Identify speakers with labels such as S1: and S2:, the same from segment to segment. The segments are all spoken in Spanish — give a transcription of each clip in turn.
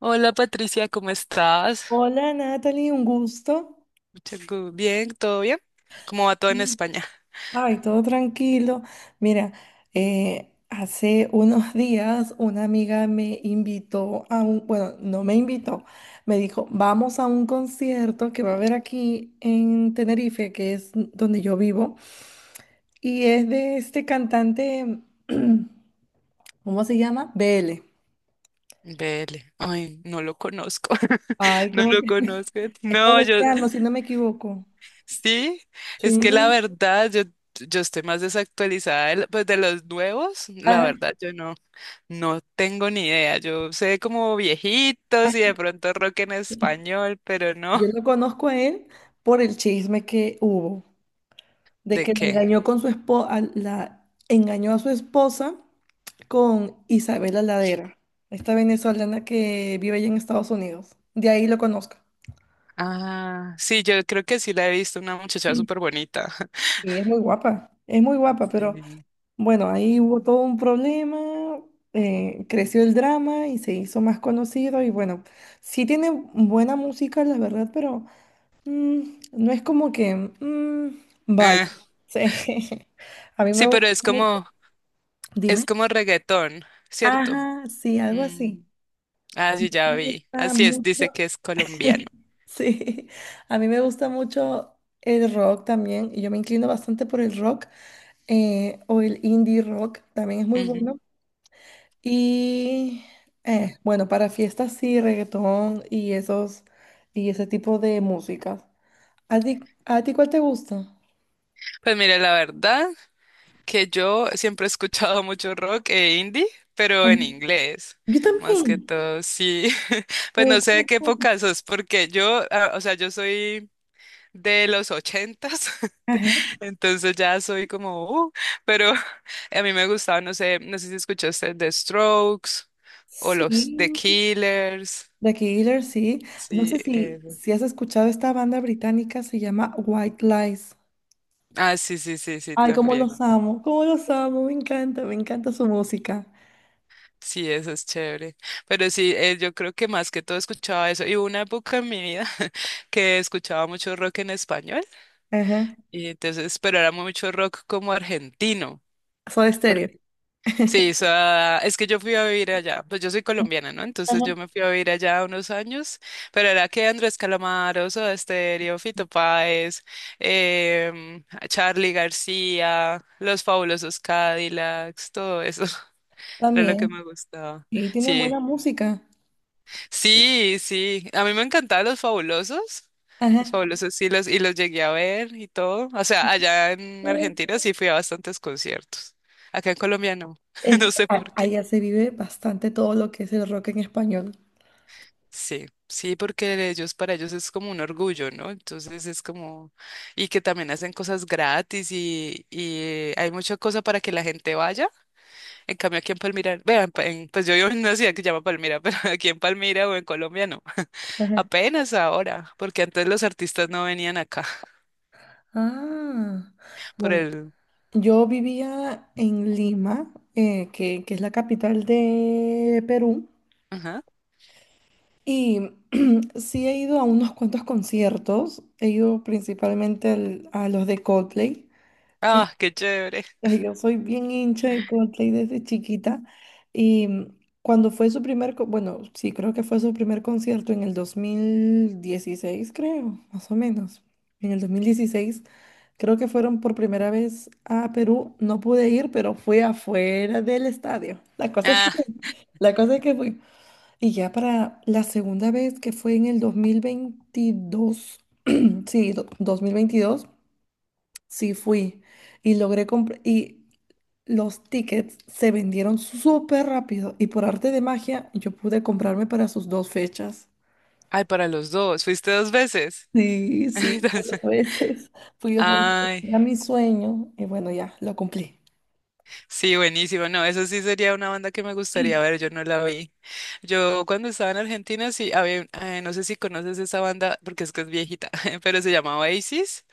S1: Hola Patricia, ¿cómo estás?
S2: Hola Natalie, un gusto.
S1: Bien, ¿todo bien? ¿Cómo va todo en
S2: Mm.
S1: España?
S2: Ay, todo tranquilo. Mira, hace unos días una amiga me invitó bueno, no me invitó, me dijo, vamos a un concierto que va a haber aquí en Tenerife, que es donde yo vivo, y es de este cantante, ¿cómo se llama? BL.
S1: Vele, ay, no lo conozco,
S2: Ay,
S1: no
S2: como
S1: lo
S2: que
S1: conozco.
S2: es
S1: No, yo,
S2: colombiano, si no me equivoco.
S1: sí, es que la
S2: Sí.
S1: verdad, yo estoy más desactualizada de, pues, de los nuevos, la
S2: Ajá.
S1: verdad, yo no tengo ni idea. Yo sé como viejitos y de pronto rock en español, pero no,
S2: Yo lo conozco a él por el chisme que hubo, de
S1: ¿de
S2: que le
S1: qué?
S2: engañó con su esposa, la engañó a su esposa con Isabela Ladera, esta venezolana que vive allá en Estados Unidos. De ahí lo conozco.
S1: Ah, sí, yo creo que sí la he visto, una muchacha súper bonita.
S2: Sí, es muy guapa, pero bueno, ahí hubo todo un problema, creció el drama y se hizo más conocido y bueno, sí tiene buena música, la verdad, pero no es como que, vaya,
S1: Sí.
S2: sí. A mí me
S1: Sí,
S2: gusta
S1: pero es
S2: mucho.
S1: como, es
S2: Dime.
S1: como reggaetón, ¿cierto?
S2: Ajá, sí, algo
S1: Mm,
S2: así.
S1: ah,
S2: Me
S1: sí, ya vi.
S2: gusta
S1: Así es,
S2: mucho.
S1: dice que es colombiano.
S2: Sí, a mí me gusta mucho el rock también y yo me inclino bastante por el rock o el indie rock, también es muy
S1: Ujú.
S2: bueno. Y bueno, para fiestas sí, reggaetón y esos y ese tipo de música. ¿A ti, a ti cuál te gusta?
S1: Pues mire, la verdad que yo siempre he escuchado mucho rock e indie, pero
S2: Ajá.
S1: en inglés,
S2: Yo
S1: más que
S2: también.
S1: todo, sí. Pues
S2: Me
S1: no sé
S2: gusta
S1: de qué
S2: mucho.
S1: época sos, porque yo, ah, o sea, yo soy de los ochentas,
S2: Ajá.
S1: entonces ya soy como, pero a mí me gustaba, no sé si escuchaste The Strokes o los The
S2: Sí,
S1: Killers.
S2: The Killer, sí. No
S1: Sí,
S2: sé si,
S1: eso.
S2: si has escuchado esta banda británica, se llama White Lies.
S1: Ah, sí, sí, sí, sí,
S2: Ay,
S1: también.
S2: cómo los amo, me encanta su música.
S1: Sí, eso es chévere. Pero sí, yo creo que más que todo escuchaba eso. Y hubo una época en mi vida que escuchaba mucho rock en español.
S2: Ajá.
S1: Y entonces, pero era mucho rock como argentino.
S2: Soy estéreo.
S1: Porque, sí, o sea, es que yo fui a vivir allá. Pues yo soy colombiana, ¿no? Entonces
S2: Ajá.
S1: yo me fui a vivir allá unos años. Pero era que Andrés Calamaro, Soda Stereo, Fito Páez, em, Charly García, Los Fabulosos Cadillacs, todo eso. Era lo que
S2: También.
S1: me gustaba.
S2: Y tienen
S1: Sí,
S2: buena música.
S1: sí, sí. A mí me encantaban los fabulosos. Los
S2: Ajá.
S1: fabulosos sí los, y los llegué a ver y todo. O sea, allá en Argentina sí fui a bastantes conciertos. Acá en Colombia no.
S2: Es
S1: No
S2: que
S1: sé por qué.
S2: allá se vive bastante todo lo que es el rock en español.
S1: Sí, sí, porque ellos, para ellos es como un orgullo, ¿no? Entonces es como, y que también hacen cosas gratis y hay mucha cosa para que la gente vaya. En cambio aquí en Palmira, vean, pues yo vivo en una ciudad que se llama Palmira, pero aquí en Palmira o en Colombia no.
S2: Ajá.
S1: Apenas ahora, porque antes los artistas no venían acá
S2: Ah,
S1: por
S2: bueno,
S1: el...
S2: yo vivía en Lima, que es la capital de Perú,
S1: Ajá.
S2: y sí he ido a unos cuantos conciertos. He ido principalmente a los de Coldplay, que
S1: Ah, qué chévere.
S2: ay, yo soy bien hincha de Coldplay desde chiquita. Y cuando fue bueno, sí, creo que fue su primer concierto en el 2016 creo, más o menos. En el 2016. Creo que fueron por primera vez a Perú. No pude ir, pero fui afuera del estadio. La cosa es que,
S1: Ah,
S2: la cosa es que fui. Y ya para la segunda vez, que fue en el 2022, sí, 2022, sí fui. Y logré comprar. Y los tickets se vendieron súper rápido. Y por arte de magia, yo pude comprarme para sus dos fechas.
S1: ay, para los dos. Fuiste dos veces.
S2: Sí, sí, fui dos
S1: Entonces,
S2: veces. Fui dos veces.
S1: ay,
S2: Era mi sueño. Y bueno, ya, lo cumplí.
S1: sí, buenísimo. No, eso sí sería una banda que me gustaría ver. Yo no la vi. Yo cuando estaba en Argentina, sí, había, no sé si conoces esa banda, porque es que es viejita, pero se llama Oasis.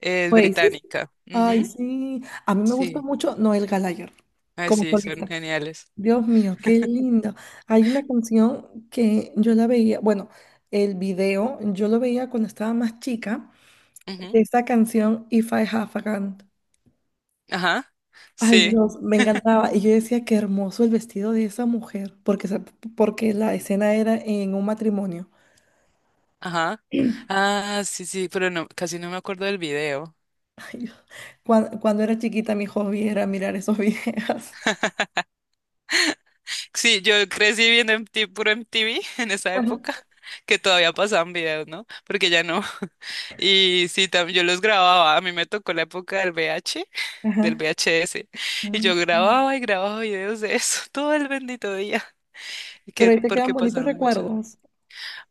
S1: Es
S2: Güey, sí.
S1: británica.
S2: Ay,
S1: Ujú.
S2: sí. Sí. A mí me gusta
S1: Sí.
S2: mucho Noel Gallagher
S1: Ay,
S2: como
S1: sí, son
S2: solista.
S1: geniales.
S2: Dios mío, qué lindo. Hay una canción que yo la veía, bueno, el video, yo lo veía cuando estaba más chica,
S1: Ujú.
S2: de esa canción If I Have a Gun.
S1: Ajá.
S2: Ay,
S1: Sí.
S2: Dios, me encantaba. Y yo decía, qué hermoso el vestido de esa mujer, porque, porque la escena era en un matrimonio.
S1: Ajá. Ah, sí, sí, pero no, casi no me acuerdo del video.
S2: Ay, Dios. Cuando, era chiquita, mi hobby era mirar esos videos.
S1: Sí, yo crecí viendo MTV, puro MTV en esa
S2: Ajá.
S1: época, que todavía pasaban videos, ¿no? Porque ya no. Y sí, también yo los grababa. A mí me tocó la época del VH, del
S2: Ajá.
S1: VHS. Y yo
S2: Mm.
S1: grababa y grababa videos de eso todo el bendito día. Y
S2: Pero
S1: que,
S2: ahí te quedan
S1: porque
S2: bonitos
S1: pasaba mucho.
S2: recuerdos.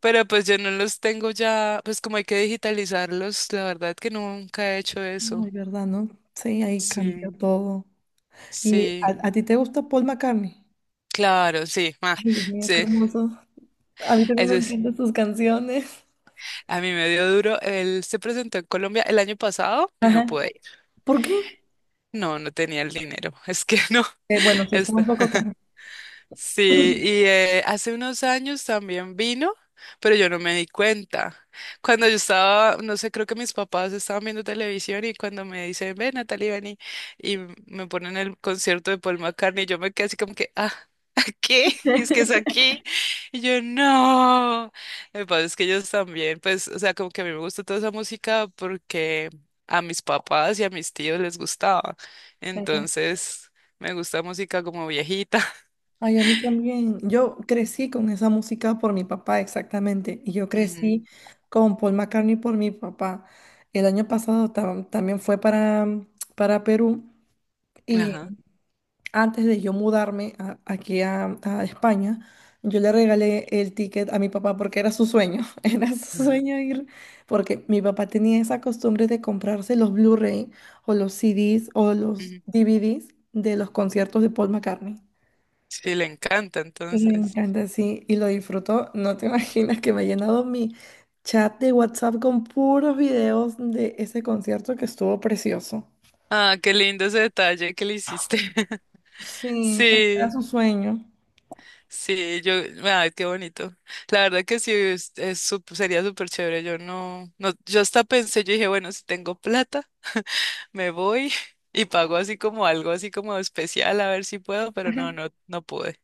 S1: Pero pues yo no los tengo ya, pues como hay que digitalizarlos, la verdad que nunca he hecho
S2: Ay,
S1: eso.
S2: ¿verdad, no? Sí, ahí cambió
S1: Sí,
S2: todo. ¿Y
S1: sí.
S2: a ti te gusta Paul McCartney?
S1: Claro, sí, ah,
S2: Ay, mira, qué
S1: sí,
S2: hermoso. A mí también
S1: eso
S2: me
S1: es.
S2: encantan sus canciones.
S1: A mí me dio duro. Él se presentó en Colombia el año pasado y no
S2: Ajá.
S1: pude ir.
S2: ¿Por qué?
S1: No, no tenía el dinero. Es que no,
S2: Bueno, sí, está
S1: esto.
S2: un poco caro.
S1: Sí, y hace unos años también vino, pero yo no me di cuenta. Cuando yo estaba, no sé, creo que mis papás estaban viendo televisión y cuando me dicen, ven, Natalie, ven y me ponen el concierto de Paul McCartney, yo me quedé así como que, ah, ¿qué? Es que es aquí. Y yo, no. Me pasa es que ellos también, pues, o sea, como que a mí me gusta toda esa música porque a mis papás y a mis tíos les gustaba.
S2: Ajá.
S1: Entonces, me gusta música como viejita.
S2: Ay, a mí también. Yo crecí con esa música por mi papá, exactamente. Y yo crecí con Paul McCartney por mi papá. El año pasado también fue para, Perú.
S1: Ajá.
S2: Antes de yo mudarme aquí a España, yo le regalé el ticket a mi papá porque era su sueño, era su
S1: Claro.
S2: sueño ir, porque mi papá tenía esa costumbre de comprarse los Blu-ray o los CDs o los
S1: Ujú.
S2: DVDs de los conciertos de Paul McCartney.
S1: Sí, le encanta,
S2: Me
S1: entonces.
S2: encanta, sí, y lo disfrutó. No te imaginas que me ha llenado mi chat de WhatsApp con puros videos de ese concierto que estuvo precioso.
S1: Ah, qué lindo ese detalle que le hiciste.
S2: Sí, era
S1: Sí,
S2: su sueño.
S1: sí, yo, ay, qué bonito. La verdad que sí, es sería súper chévere. Yo no, yo hasta pensé, yo dije, bueno, si tengo plata, me voy y pago así como algo así como especial, a ver si puedo, pero
S2: Ajá.
S1: no, no, no pude.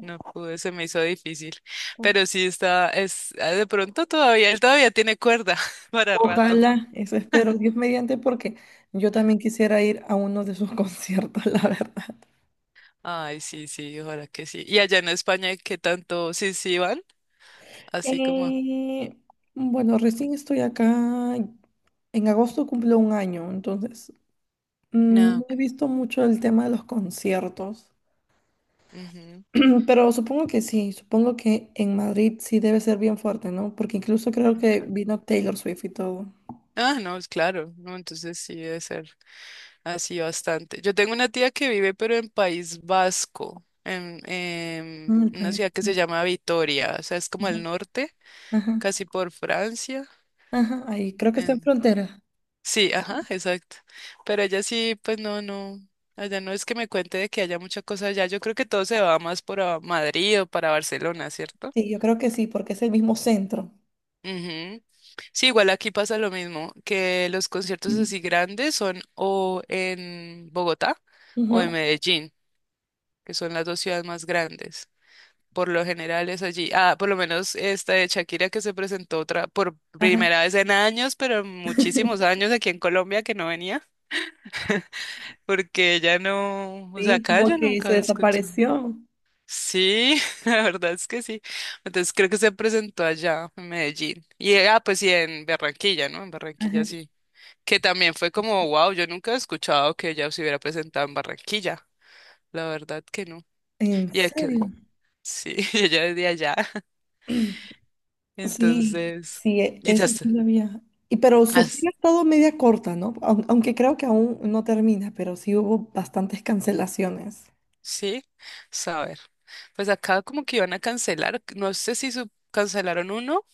S1: No pude, se me hizo difícil. Pero sí está, de pronto todavía, él todavía tiene cuerda para rato.
S2: Ojalá, eso espero, Dios mediante, porque yo también quisiera ir a uno de sus conciertos, la verdad.
S1: Ay, sí, sí, ojalá que sí. Y allá en España, ¿qué tanto? Sí, sí, van, así como.
S2: Eh, bueno, recién estoy acá. En agosto cumplo un año, entonces
S1: No,
S2: no
S1: ok,
S2: he visto mucho el tema de los conciertos.
S1: ujú,
S2: Pero supongo que sí, supongo que en Madrid sí debe ser bien fuerte, ¿no? Porque incluso creo que
S1: claro.
S2: vino Taylor Swift y todo.
S1: Ah, no, es claro, no, entonces sí debe ser así bastante. Yo tengo una tía que vive, pero en País Vasco, en,
S2: Mm,
S1: en
S2: el
S1: una
S2: país.
S1: ciudad que se llama Vitoria, o sea, es como
S2: Ajá,
S1: el norte,
S2: ajá,
S1: casi por Francia.
S2: ajá, ahí creo que está en
S1: en-
S2: frontera.
S1: Sí, ajá, exacto. Pero ella sí, pues no, no. Allá no es que me cuente de que haya mucha cosa allá. Yo creo que todo se va más por a Madrid o para Barcelona, ¿cierto?
S2: Sí, yo creo que sí, porque es el mismo centro.
S1: Ujú. Sí, igual aquí pasa lo mismo, que los conciertos así grandes son o en Bogotá o
S2: Ujú,
S1: en Medellín, que son las dos ciudades más grandes. Por lo general es allí. Ah, por lo menos esta de Shakira que se presentó otra por
S2: ajá.
S1: primera vez en años, pero en muchísimos años aquí en Colombia que no venía, porque ella no, o sea,
S2: Sí,
S1: acá
S2: como
S1: yo
S2: que
S1: nunca
S2: se
S1: había escuchado.
S2: desapareció.
S1: Sí, la verdad es que sí. Entonces creo que se presentó allá en Medellín. Y ah, pues sí, en Barranquilla, ¿no? En
S2: Ajá.
S1: Barranquilla sí. Que también fue como, wow, yo nunca he escuchado que ella se hubiera presentado en Barranquilla, la verdad que no.
S2: ¿En
S1: Y ella que,
S2: serio?
S1: sí, y ella es de allá,
S2: Sí,
S1: entonces,
S2: sí, eso sí
S1: quizás,
S2: lo había. Y pero su
S1: as-
S2: gira es todo media corta, ¿no? Aunque creo que aún no termina, pero sí hubo bastantes cancelaciones.
S1: sí, saber. Pues acá como que iban a cancelar, no sé si cancelaron uno,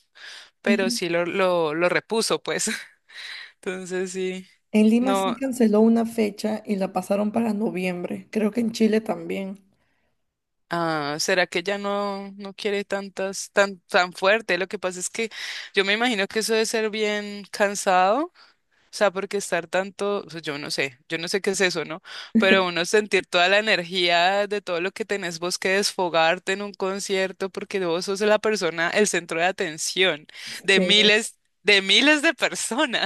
S1: pero
S2: Ujú.
S1: sí lo repuso, pues, entonces sí,
S2: En Lima sí
S1: no.
S2: canceló una fecha y la pasaron para noviembre. Creo que en Chile también.
S1: Ah, ¿será que ella no quiere tantas, tan, tan fuerte? Lo que pasa es que yo me imagino que eso debe ser bien cansado. O sea, porque estar tanto, o sea, yo no sé qué es eso, ¿no? Pero uno sentir toda la energía de todo lo que tenés vos que desfogarte en un concierto, porque vos sos la persona, el centro de atención de
S2: Sí,
S1: miles, de miles de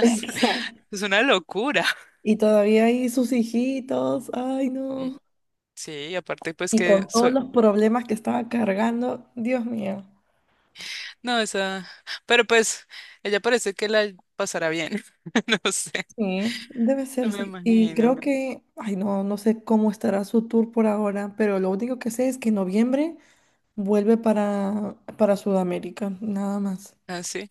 S2: exacto.
S1: Es una locura.
S2: Y todavía ahí sus hijitos, ay
S1: Mm,
S2: no.
S1: sí, y aparte pues
S2: Y
S1: que
S2: con todos
S1: suena.
S2: los problemas que estaba cargando, Dios mío.
S1: No, esa, pero pues ella parece que la pasará bien. No sé,
S2: Sí, debe ser,
S1: me
S2: sí. Y creo
S1: imagino.
S2: que, ay, no, no sé cómo estará su tour por ahora, pero lo único que sé es que en noviembre vuelve para Sudamérica, nada más.
S1: Así.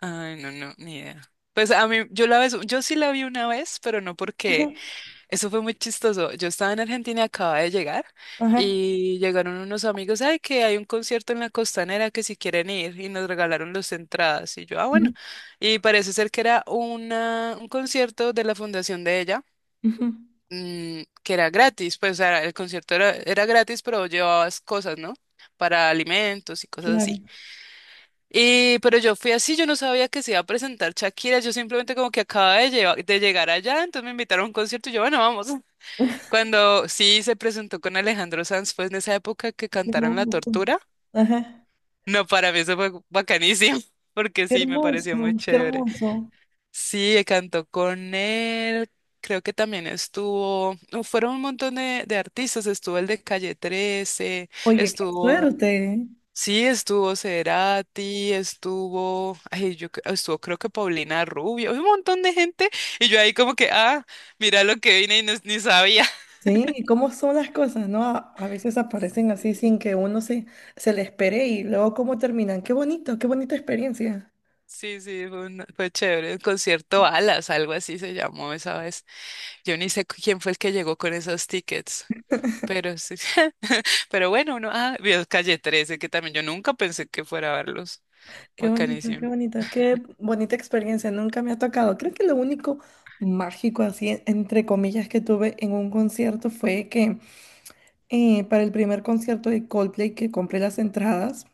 S1: Ay, no, no, ni idea. Pues a mí, yo la vez, yo sí la vi una vez, pero no
S2: Ajá,
S1: porque eso fue muy chistoso. Yo estaba en Argentina, acababa de llegar
S2: ajá,
S1: y llegaron unos amigos, ay, que hay un concierto en la Costanera que si quieren ir y nos regalaron las entradas y yo, ah, bueno.
S2: ujú,
S1: Y parece ser que era un concierto de la fundación de ella,
S2: ujú,
S1: que era gratis, pues o sea, el concierto era gratis, pero llevabas cosas, ¿no? Para alimentos y cosas así.
S2: claro.
S1: Y, pero yo fui así, yo no sabía que se iba a presentar Shakira, yo simplemente como que acaba de, de llegar allá, entonces me invitaron a un concierto y yo, bueno, vamos. Cuando sí se presentó con Alejandro Sanz, fue en esa época que
S2: Qué
S1: cantaron La
S2: hermoso.
S1: Tortura.
S2: Ajá,
S1: No, para mí eso fue bacanísimo, porque
S2: qué
S1: sí, me pareció muy
S2: hermoso, qué
S1: chévere.
S2: hermoso.
S1: Sí, cantó con él, creo que también estuvo, no, fueron un montón de artistas, estuvo el de Calle 13,
S2: Oye, qué
S1: estuvo...
S2: suerte.
S1: Sí, estuvo Cerati, estuvo, ay, yo estuvo creo que Paulina Rubio, un montón de gente, y yo ahí como que, ah, mira lo que vine y ni sabía.
S2: Sí, ¿y cómo son las cosas, no? A veces aparecen así
S1: Sí,
S2: sin que uno se le espere y luego cómo terminan. Qué bonito, qué bonita experiencia.
S1: sí, sí, fue, fue chévere, el concierto Alas, algo así se llamó esa vez. Yo ni sé quién fue el que llegó con esos tickets, pero sí, pero bueno, uno, ah, vio Calle 13, que también yo nunca pensé que fuera a verlos,
S2: Qué bonito, qué
S1: bacanísimo.
S2: bonito, qué bonita experiencia. Nunca me ha tocado. Creo que lo único mágico, así, entre comillas, que tuve en un concierto fue que para el primer concierto de Coldplay que compré las entradas,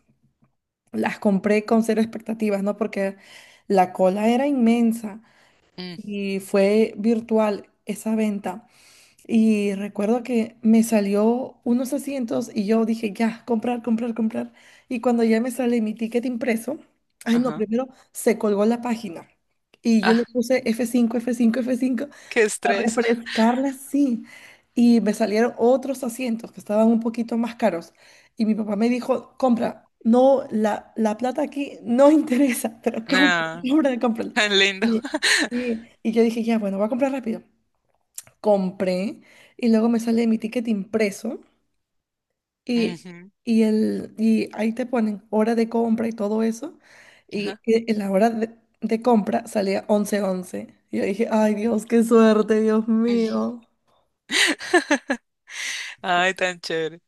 S2: las compré con cero expectativas, ¿no? Porque la cola era inmensa
S1: Mm,
S2: y fue virtual esa venta. Y recuerdo que me salió unos asientos y yo dije, ya, comprar, comprar, comprar. Y cuando ya me sale mi ticket impreso, ay no,
S1: ajá,
S2: primero se colgó la página. Y yo
S1: ah,
S2: le puse F5 F5 F5
S1: qué
S2: a
S1: estrés,
S2: refrescarla, sí. Y me salieron otros asientos que estaban un poquito más caros. Y mi papá me dijo, compra, no, la plata aquí no interesa, pero compra,
S1: ah,
S2: compra, compra.
S1: tan lindo.
S2: Y, y yo dije, ya, bueno, voy a comprar rápido compré y luego me sale mi ticket impreso y, y ahí te ponen hora de compra y todo eso. Y,
S1: Ajá.
S2: y- y la hora de compra salía 11:11. Y yo dije, ay Dios, qué suerte, Dios mío.
S1: Ay, tan chévere.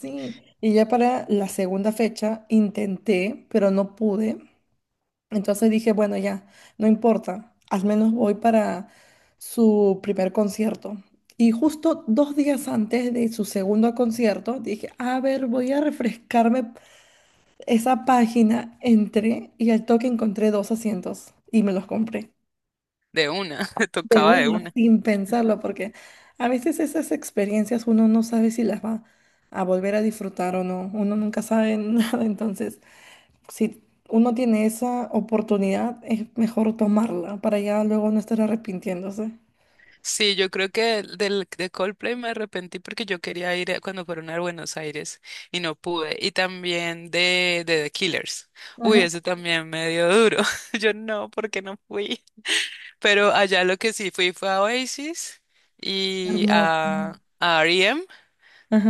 S2: Sí, y ya para la segunda fecha intenté, pero no pude. Entonces dije, bueno, ya, no importa, al menos voy para su primer concierto. Y justo 2 días antes de su segundo concierto, dije, a ver, voy a refrescarme esa página. Entré y al toque encontré dos asientos y me los compré.
S1: De una,
S2: De
S1: tocaba de
S2: una,
S1: una.
S2: sin pensarlo, porque a veces esas experiencias uno no sabe si las va a volver a disfrutar o no. Uno nunca sabe nada, entonces si uno tiene esa oportunidad, es mejor tomarla para ya luego no estar arrepintiéndose.
S1: Sí, yo creo que de Coldplay me arrepentí porque yo quería ir cuando fueron a Buenos Aires y no pude. Y también de The Killers. Uy,
S2: Ajá.
S1: eso también me dio duro. Yo no, porque no fui. Pero allá lo que sí fui fue a Oasis y
S2: Hermoso.
S1: a R.E.M.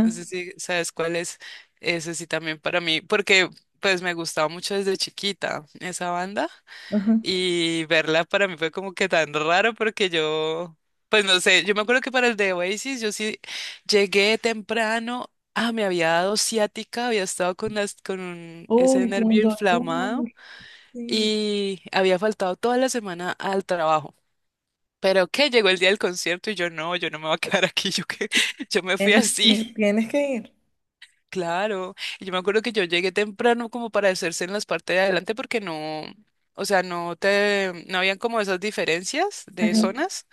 S1: No sé si sabes cuál es. Ese sí también para mí, porque pues me gustaba mucho desde chiquita esa banda.
S2: ajá.
S1: Y verla para mí fue como que tan raro porque yo, pues no sé, yo me acuerdo que para el de Oasis yo sí llegué temprano, ah, me había dado ciática, había estado con con ese
S2: Uy, con
S1: nervio inflamado
S2: dolor, sí.
S1: y había faltado toda la semana al trabajo. Pero que llegó el día del concierto y yo no me voy a quedar aquí, yo que yo me fui
S2: Tienes que
S1: así.
S2: ir, tienes que ir.
S1: Claro, y yo me acuerdo que yo llegué temprano como para hacerse en las partes de adelante porque no, o sea, no habían como esas diferencias de
S2: Ajá,
S1: zonas.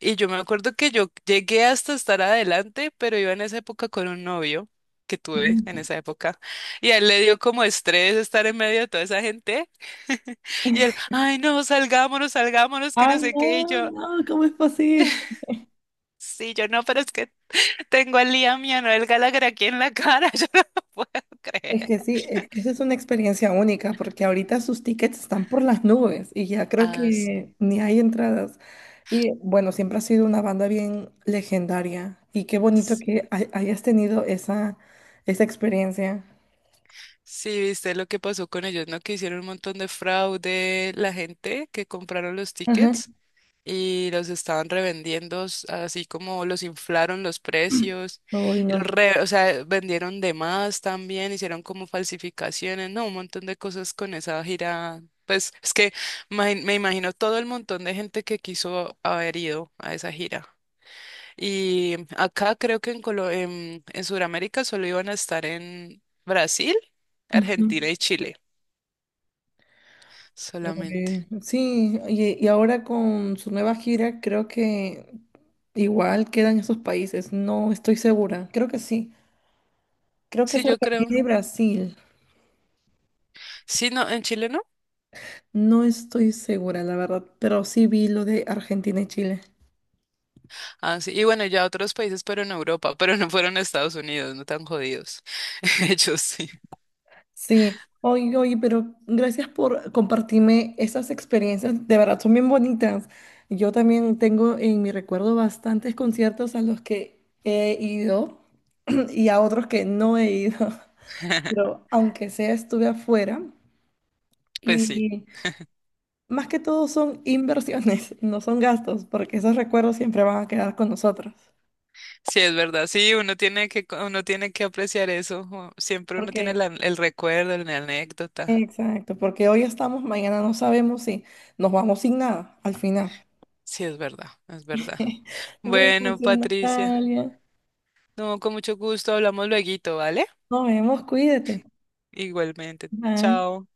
S1: Y yo me acuerdo que yo llegué hasta estar adelante, pero iba en esa época con un novio que tuve en
S2: ajá.
S1: esa época. Y a él le dio como estrés estar en medio de toda esa gente. Y él, ay, no, salgámonos, salgámonos, que no
S2: Ay,
S1: sé qué. Y
S2: no,
S1: yo,
S2: no, ¿cómo es posible?
S1: sí, yo no, pero es que tengo al Liam y a Noel Gallagher aquí en la cara, yo no lo puedo creer.
S2: Es que sí, es que esa es una experiencia única, porque ahorita sus tickets están por las nubes y ya creo
S1: Ah, sí.
S2: que ni hay entradas. Y bueno, siempre ha sido una banda bien legendaria y qué bonito
S1: Sí,
S2: que hayas tenido esa experiencia.
S1: sí, viste lo que pasó con ellos, ¿no? Que hicieron un montón de fraude la gente que compraron los
S2: Ajá.
S1: tickets y los estaban revendiendo, así como los inflaron los precios,
S2: Uy,
S1: y los
S2: no.
S1: o sea, vendieron de más también, hicieron como falsificaciones, ¿no? Un montón de cosas con esa gira. Pues es que me imagino todo el montón de gente que quiso haber ido a esa gira. Y acá creo que en Sudamérica solo iban a estar en Brasil,
S2: Ujú.
S1: Argentina y Chile, solamente.
S2: Uy, sí, y ahora con su nueva gira creo que igual quedan esos países, no estoy segura, creo que sí, creo que
S1: Sí,
S2: es
S1: yo creo.
S2: Argentina y Brasil.
S1: Sí, no, en Chile no.
S2: No estoy segura, la verdad, pero sí vi lo de Argentina y Chile.
S1: Ah, sí. Y bueno, ya otros países, pero en Europa, pero no fueron a Estados Unidos, no tan jodidos. Ellos sí.
S2: Sí, oye, oye, pero gracias por compartirme esas experiencias, de verdad son bien bonitas. Yo también tengo en mi recuerdo bastantes conciertos a los que he ido y a otros que no he ido, pero aunque sea estuve afuera
S1: Pues sí,
S2: y más que todo son inversiones, no son gastos, porque esos recuerdos siempre van a quedar con nosotros.
S1: sí es verdad. Sí, uno tiene que apreciar eso. Siempre uno tiene
S2: Porque
S1: el recuerdo, la anécdota.
S2: Exacto, porque hoy estamos, mañana no sabemos si nos vamos sin nada al final.
S1: Sí, es verdad, es verdad.
S2: Gracias,
S1: Bueno, Patricia,
S2: Natalia.
S1: no, con mucho gusto, hablamos lueguito, ¿vale?
S2: Nos vemos, cuídate.
S1: Igualmente.
S2: Bye.
S1: Chao.